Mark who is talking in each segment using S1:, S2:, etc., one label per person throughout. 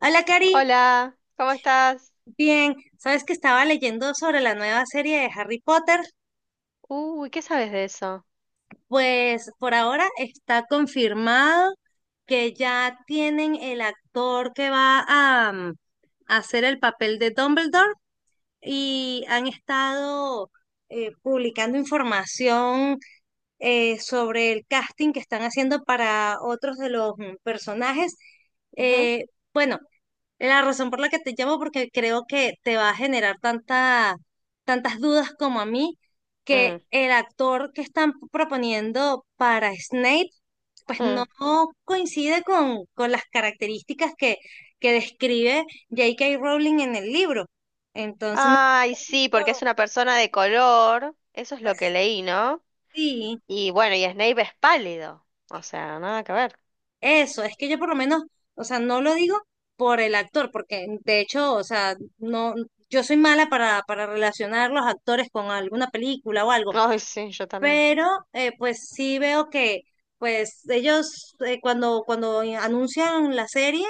S1: Hola, Cari.
S2: Hola, ¿cómo estás?
S1: Bien, sabes que estaba leyendo sobre la nueva serie de Harry Potter.
S2: Uy, ¿qué sabes de eso?
S1: Pues por ahora está confirmado que ya tienen el actor que va a, a hacer el papel de Dumbledore y han estado publicando información sobre el casting que están haciendo para otros de los personajes.
S2: Ujú,
S1: Eh, bueno, la razón por la que te llamo, porque creo que te va a generar tantas dudas como a mí, que
S2: mm,
S1: el actor que están proponiendo para Snape, pues no
S2: mm.
S1: coincide con las características que describe J.K. Rowling en el libro. Entonces, no sé
S2: Ay,
S1: si has
S2: sí, porque es
S1: visto,
S2: una persona de color, eso es lo que
S1: pues
S2: leí, ¿no?
S1: sí.
S2: Y bueno, y Snape es pálido, o sea, nada que ver.
S1: Eso, es que yo por lo menos, o sea, no lo digo por el actor, porque de hecho, o sea, no, yo soy mala para relacionar los actores con alguna película o algo,
S2: Ay, sí, yo también.
S1: pero pues sí veo que pues ellos cuando anuncian la serie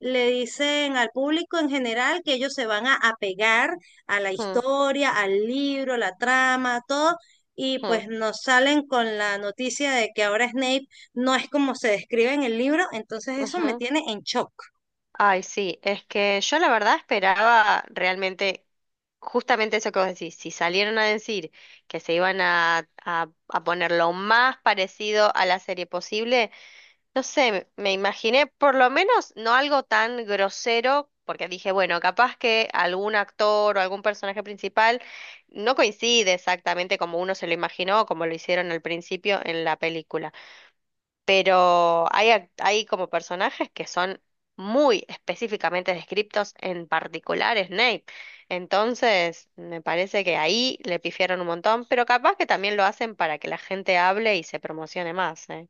S1: le dicen al público en general que ellos se van a apegar a la
S2: Mm,
S1: historia, al libro, la trama, todo, y
S2: mm,
S1: pues nos salen con la noticia de que ahora Snape no es como se describe en el libro, entonces eso me
S2: ujú.
S1: tiene en shock.
S2: Ay, sí, es que yo la verdad esperaba realmente justamente eso que vos decís, si salieron a decir que se iban a poner lo más parecido a la serie posible. No sé, me imaginé por lo menos no algo tan grosero, porque dije, bueno, capaz que algún actor o algún personaje principal no coincide exactamente como uno se lo imaginó o como lo hicieron al principio en la película, pero hay como personajes que son muy específicamente descriptos, en particular Snape. Entonces, me parece que ahí le pifiaron un montón, pero capaz que también lo hacen para que la gente hable y se promocione más, ¿eh?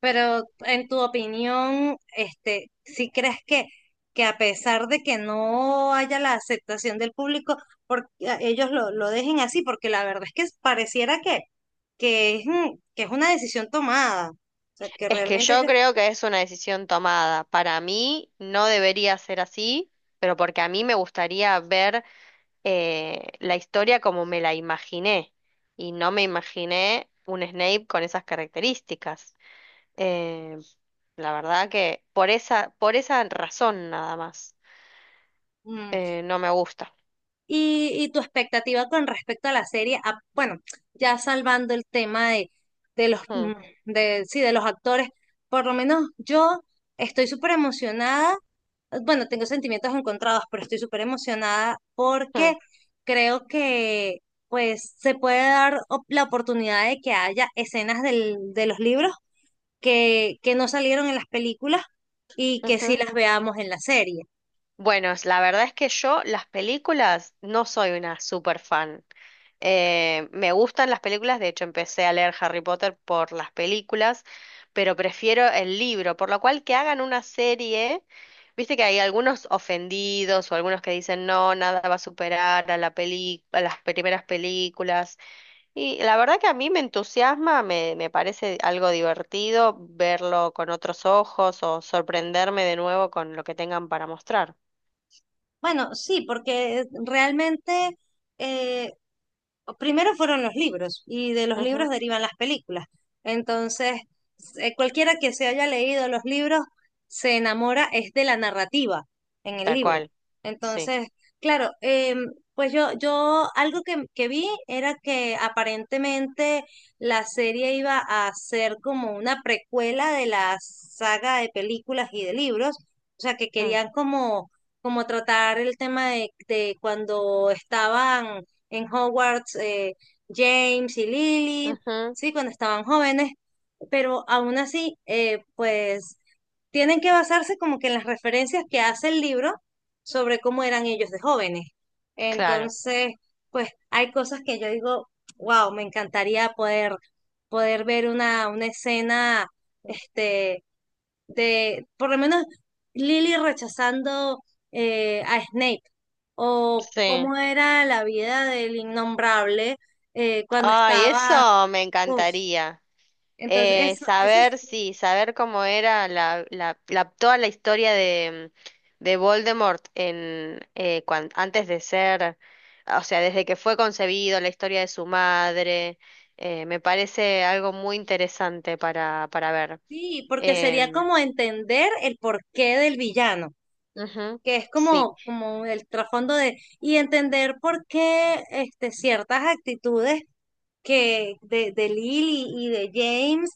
S1: Pero en tu opinión, este, si crees que a pesar de que no haya la aceptación del público, ellos lo dejen así, porque la verdad es que pareciera que es, que es una decisión tomada. O sea, que
S2: Es que
S1: realmente
S2: yo
S1: ellos...
S2: creo que es una decisión tomada. Para mí no debería ser así, pero porque a mí me gustaría ver la historia como me la imaginé. Y no me imaginé un Snape con esas características. Eh, la verdad que por esa razón nada más.
S1: Mm.
S2: No me gusta.
S1: Y tu expectativa con respecto a la serie, bueno, ya salvando el tema de los,
S2: Mm,
S1: de, sí, de los actores, por lo menos yo estoy súper emocionada, bueno, tengo sentimientos encontrados, pero estoy súper emocionada
S2: mm,
S1: porque creo que pues se puede dar la oportunidad de que haya escenas del, de los libros que no salieron en las películas y que sí
S2: ujú.
S1: las veamos en la serie.
S2: Bueno, la verdad es que yo las películas no soy una super fan. Me gustan las películas, de hecho empecé a leer Harry Potter por las películas, pero prefiero el libro, por lo cual que hagan una serie, viste que hay algunos ofendidos o algunos que dicen no, nada va a superar a la peli a las primeras películas, y la verdad que a mí me entusiasma, me parece algo divertido verlo con otros ojos o sorprenderme de nuevo con lo que tengan para mostrar.
S1: Bueno, sí, porque realmente, eh, primero fueron los libros y de los
S2: Ujú.
S1: libros derivan las películas. Entonces, cualquiera que se haya leído los libros se enamora es de la narrativa en el
S2: Tal
S1: libro.
S2: cual, sí.
S1: Entonces, claro, pues yo algo que vi era que aparentemente la serie iba a ser como una precuela de la saga de películas y de libros. O sea, que
S2: Mm,
S1: querían como, como tratar el tema de cuando estaban en Hogwarts James y Lily,
S2: ujú.
S1: sí, cuando estaban jóvenes, pero aún así, pues tienen que basarse como que en las referencias que hace el libro sobre cómo eran ellos de jóvenes.
S2: Claro,
S1: Entonces, pues hay cosas que yo digo, wow, me encantaría poder ver una escena, este, de, por lo menos Lily rechazando a Snape, o
S2: sí.
S1: cómo era la vida del innombrable cuando
S2: Ay,
S1: estaba,
S2: eso me
S1: uf,
S2: encantaría.
S1: entonces eso
S2: Saber,
S1: sí,
S2: sí, saber cómo era toda la historia de Voldemort en, antes de ser, o sea, desde que fue concebido, la historia de su madre, me parece algo muy interesante para ver.
S1: sí, porque sería
S2: Em,
S1: como entender el porqué del villano,
S2: Ujú,
S1: que es
S2: sí,
S1: como, como el trasfondo de, y entender por qué este, ciertas actitudes que de Lily y de James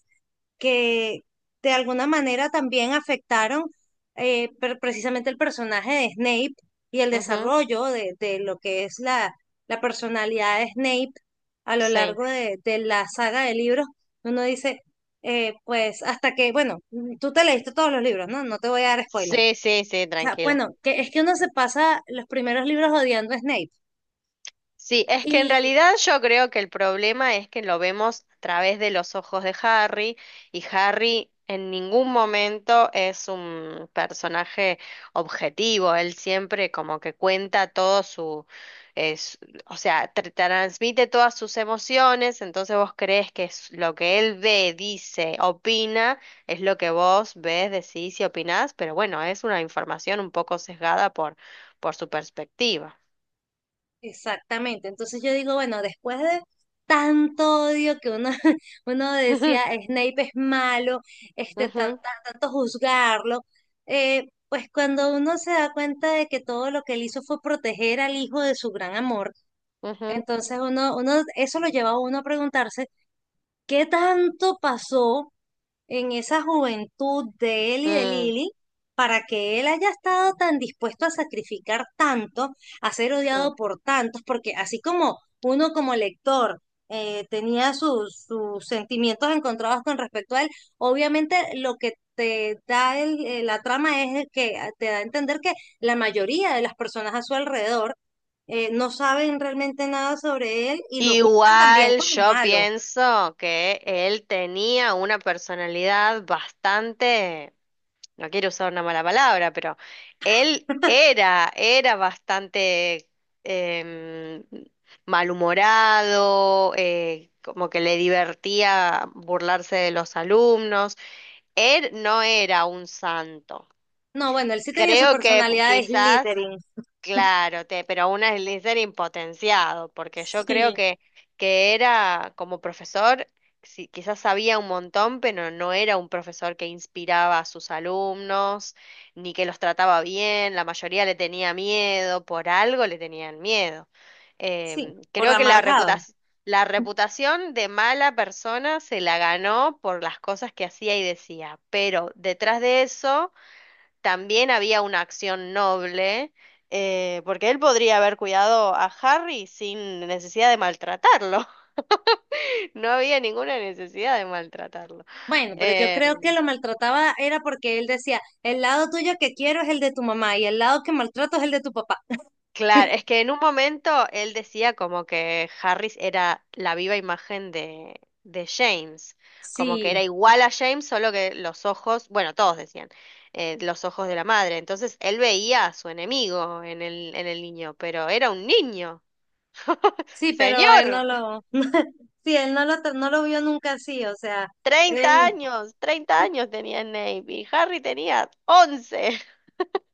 S1: que de alguna manera también afectaron precisamente el personaje de Snape y el
S2: ujú,
S1: desarrollo de lo que es la, la personalidad de Snape a lo
S2: sí,
S1: largo de la saga de libros. Uno dice, pues hasta que, bueno, tú te leíste todos los libros, ¿no? No te voy a dar spoiler.
S2: sí, sí, sí,
S1: O sea,
S2: tranquila.
S1: bueno, que es que uno se pasa los primeros libros odiando a Snape.
S2: Sí, es que en realidad yo creo que el problema es que lo vemos a través de los ojos de Harry y Harry en ningún momento es un personaje objetivo, él siempre como que cuenta todo su, es- o sea, transmite todas sus emociones, entonces vos crees que es lo que él ve, dice, opina, es lo que vos ves, decís y opinás, pero bueno, es una información un poco sesgada por su perspectiva.
S1: Exactamente. Entonces yo digo, bueno, después de tanto odio que uno, uno decía Snape es malo, este,
S2: Ujú.
S1: tanto juzgarlo, pues cuando uno se da cuenta de que todo lo que él hizo fue proteger al hijo de su gran amor,
S2: Ujú,
S1: entonces uno, eso lo lleva a uno a preguntarse, ¿qué tanto pasó en esa juventud de él y de
S2: mm,
S1: Lili, para que él haya estado tan dispuesto a sacrificar tanto, a ser
S2: mm.
S1: odiado por tantos? Porque así como uno como lector tenía sus, sus sentimientos encontrados con respecto a él, obviamente lo que te da la trama es el que te da a entender que la mayoría de las personas a su alrededor no saben realmente nada sobre él y lo juzgan también
S2: Igual
S1: como
S2: yo
S1: malo.
S2: pienso que él tenía una personalidad bastante, no quiero usar una mala palabra, pero él era, era bastante em, malhumorado, como que le divertía burlarse de los alumnos. Él no era un santo.
S1: No, bueno, él sí tenía su
S2: Creo que
S1: personalidad de
S2: quizás
S1: Slytherin.
S2: claro, te, pero un Slytherin impotenciado, porque yo
S1: Sí,
S2: creo que era como profesor, sí, quizás sabía un montón, pero no era un profesor que inspiraba a sus alumnos, ni que los trataba bien, la mayoría le tenía miedo, por algo le tenían miedo.
S1: sí,
S2: Em,
S1: por
S2: creo que
S1: amargado.
S2: la reputación de mala persona se la ganó por las cosas que hacía y decía, pero detrás de eso también había una acción noble, porque él podría haber cuidado a Harry sin necesidad de maltratarlo. No había ninguna necesidad de maltratarlo.
S1: Bueno, pero yo
S2: Eh,
S1: creo que lo maltrataba era porque él decía, el lado tuyo que quiero es el de tu mamá y el lado que maltrato es el de tu papá.
S2: claro, es que en un momento él decía como que Harris era la viva imagen de James, como que
S1: Sí,
S2: era igual a James, solo que los ojos, bueno, todos decían, los ojos de la madre. Entonces él veía a su enemigo en el niño, pero era un niño.
S1: sí, pero él
S2: Señor.
S1: no lo, sí, él no lo, no lo vio nunca así, o sea,
S2: 30
S1: él,
S2: años, 30 años tenía Navy. Harry tenía 11,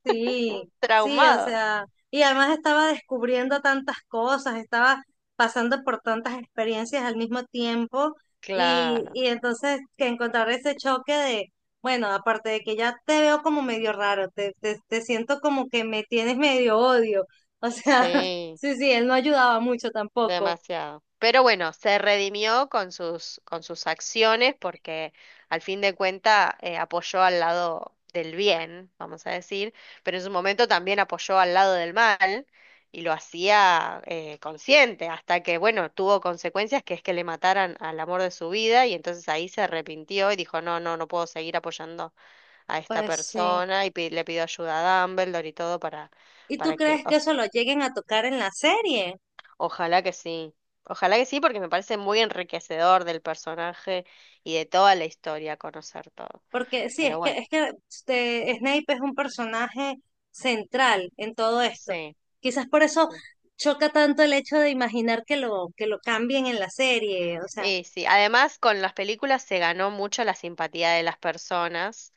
S1: sí, sí, o
S2: traumado.
S1: sea, y además estaba descubriendo tantas cosas, estaba pasando por tantas experiencias al mismo tiempo
S2: Claro,
S1: y entonces que encontrar ese choque de, bueno, aparte de que ya te veo como medio raro, te siento como que me tienes medio odio, o sea,
S2: sí,
S1: sí, sí, él no ayudaba mucho tampoco,
S2: demasiado. Pero bueno, se redimió con sus acciones porque al fin de cuentas apoyó al lado del bien, vamos a decir, pero en su momento también apoyó al lado del mal y lo hacía consciente hasta que, bueno, tuvo consecuencias que es que le mataran al amor de su vida y entonces ahí se arrepintió y dijo, no, no, no puedo seguir apoyando a esta
S1: pues sí.
S2: persona y le pidió ayuda a Dumbledore y todo
S1: ¿Y tú
S2: para que,
S1: crees
S2: o
S1: que eso
S2: sea,
S1: lo lleguen a tocar en la serie?
S2: ojalá que sí, ojalá que sí, porque me parece muy enriquecedor del personaje y de toda la historia conocer todo.
S1: Porque sí,
S2: Pero bueno,
S1: es que este, Snape es un personaje central en todo esto.
S2: sí,
S1: Quizás por eso
S2: sí.
S1: choca tanto el hecho de imaginar que lo cambien en la serie. O sea,
S2: Y sí, además con las películas se ganó mucho la simpatía de las personas.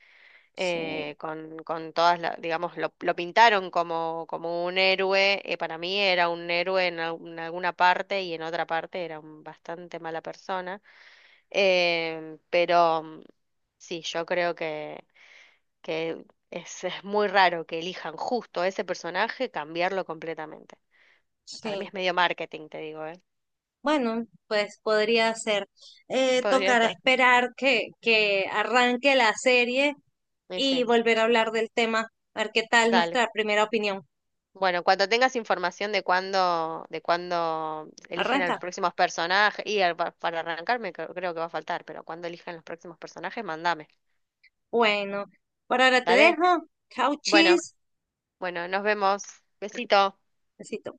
S1: sí,
S2: Con todas, digamos, lo pintaron como, como un héroe, para mí era un héroe en, en alguna parte y en otra parte era un bastante mala persona. Em, pero mm, sí, yo creo que es muy raro que elijan justo a ese personaje, cambiarlo completamente. Para mí
S1: sí.
S2: es medio marketing, te digo, ¿eh?
S1: Bueno, pues podría ser.
S2: Podría
S1: Tocará
S2: ser.
S1: esperar que arranque la serie
S2: Y
S1: y
S2: sí,
S1: volver a hablar del tema, a ver qué tal
S2: dale.
S1: nuestra primera opinión.
S2: Bueno, cuando tengas información de cuándo eligen a
S1: ¿Arranca?
S2: los próximos personajes, y para arrancarme creo, creo que va a faltar, pero cuando eligen los próximos personajes, mandame.
S1: Bueno, por ahora te
S2: ¿Dale?
S1: dejo. Chau,
S2: Bueno,
S1: chis.
S2: bueno, nos vemos. Besito.
S1: Besito.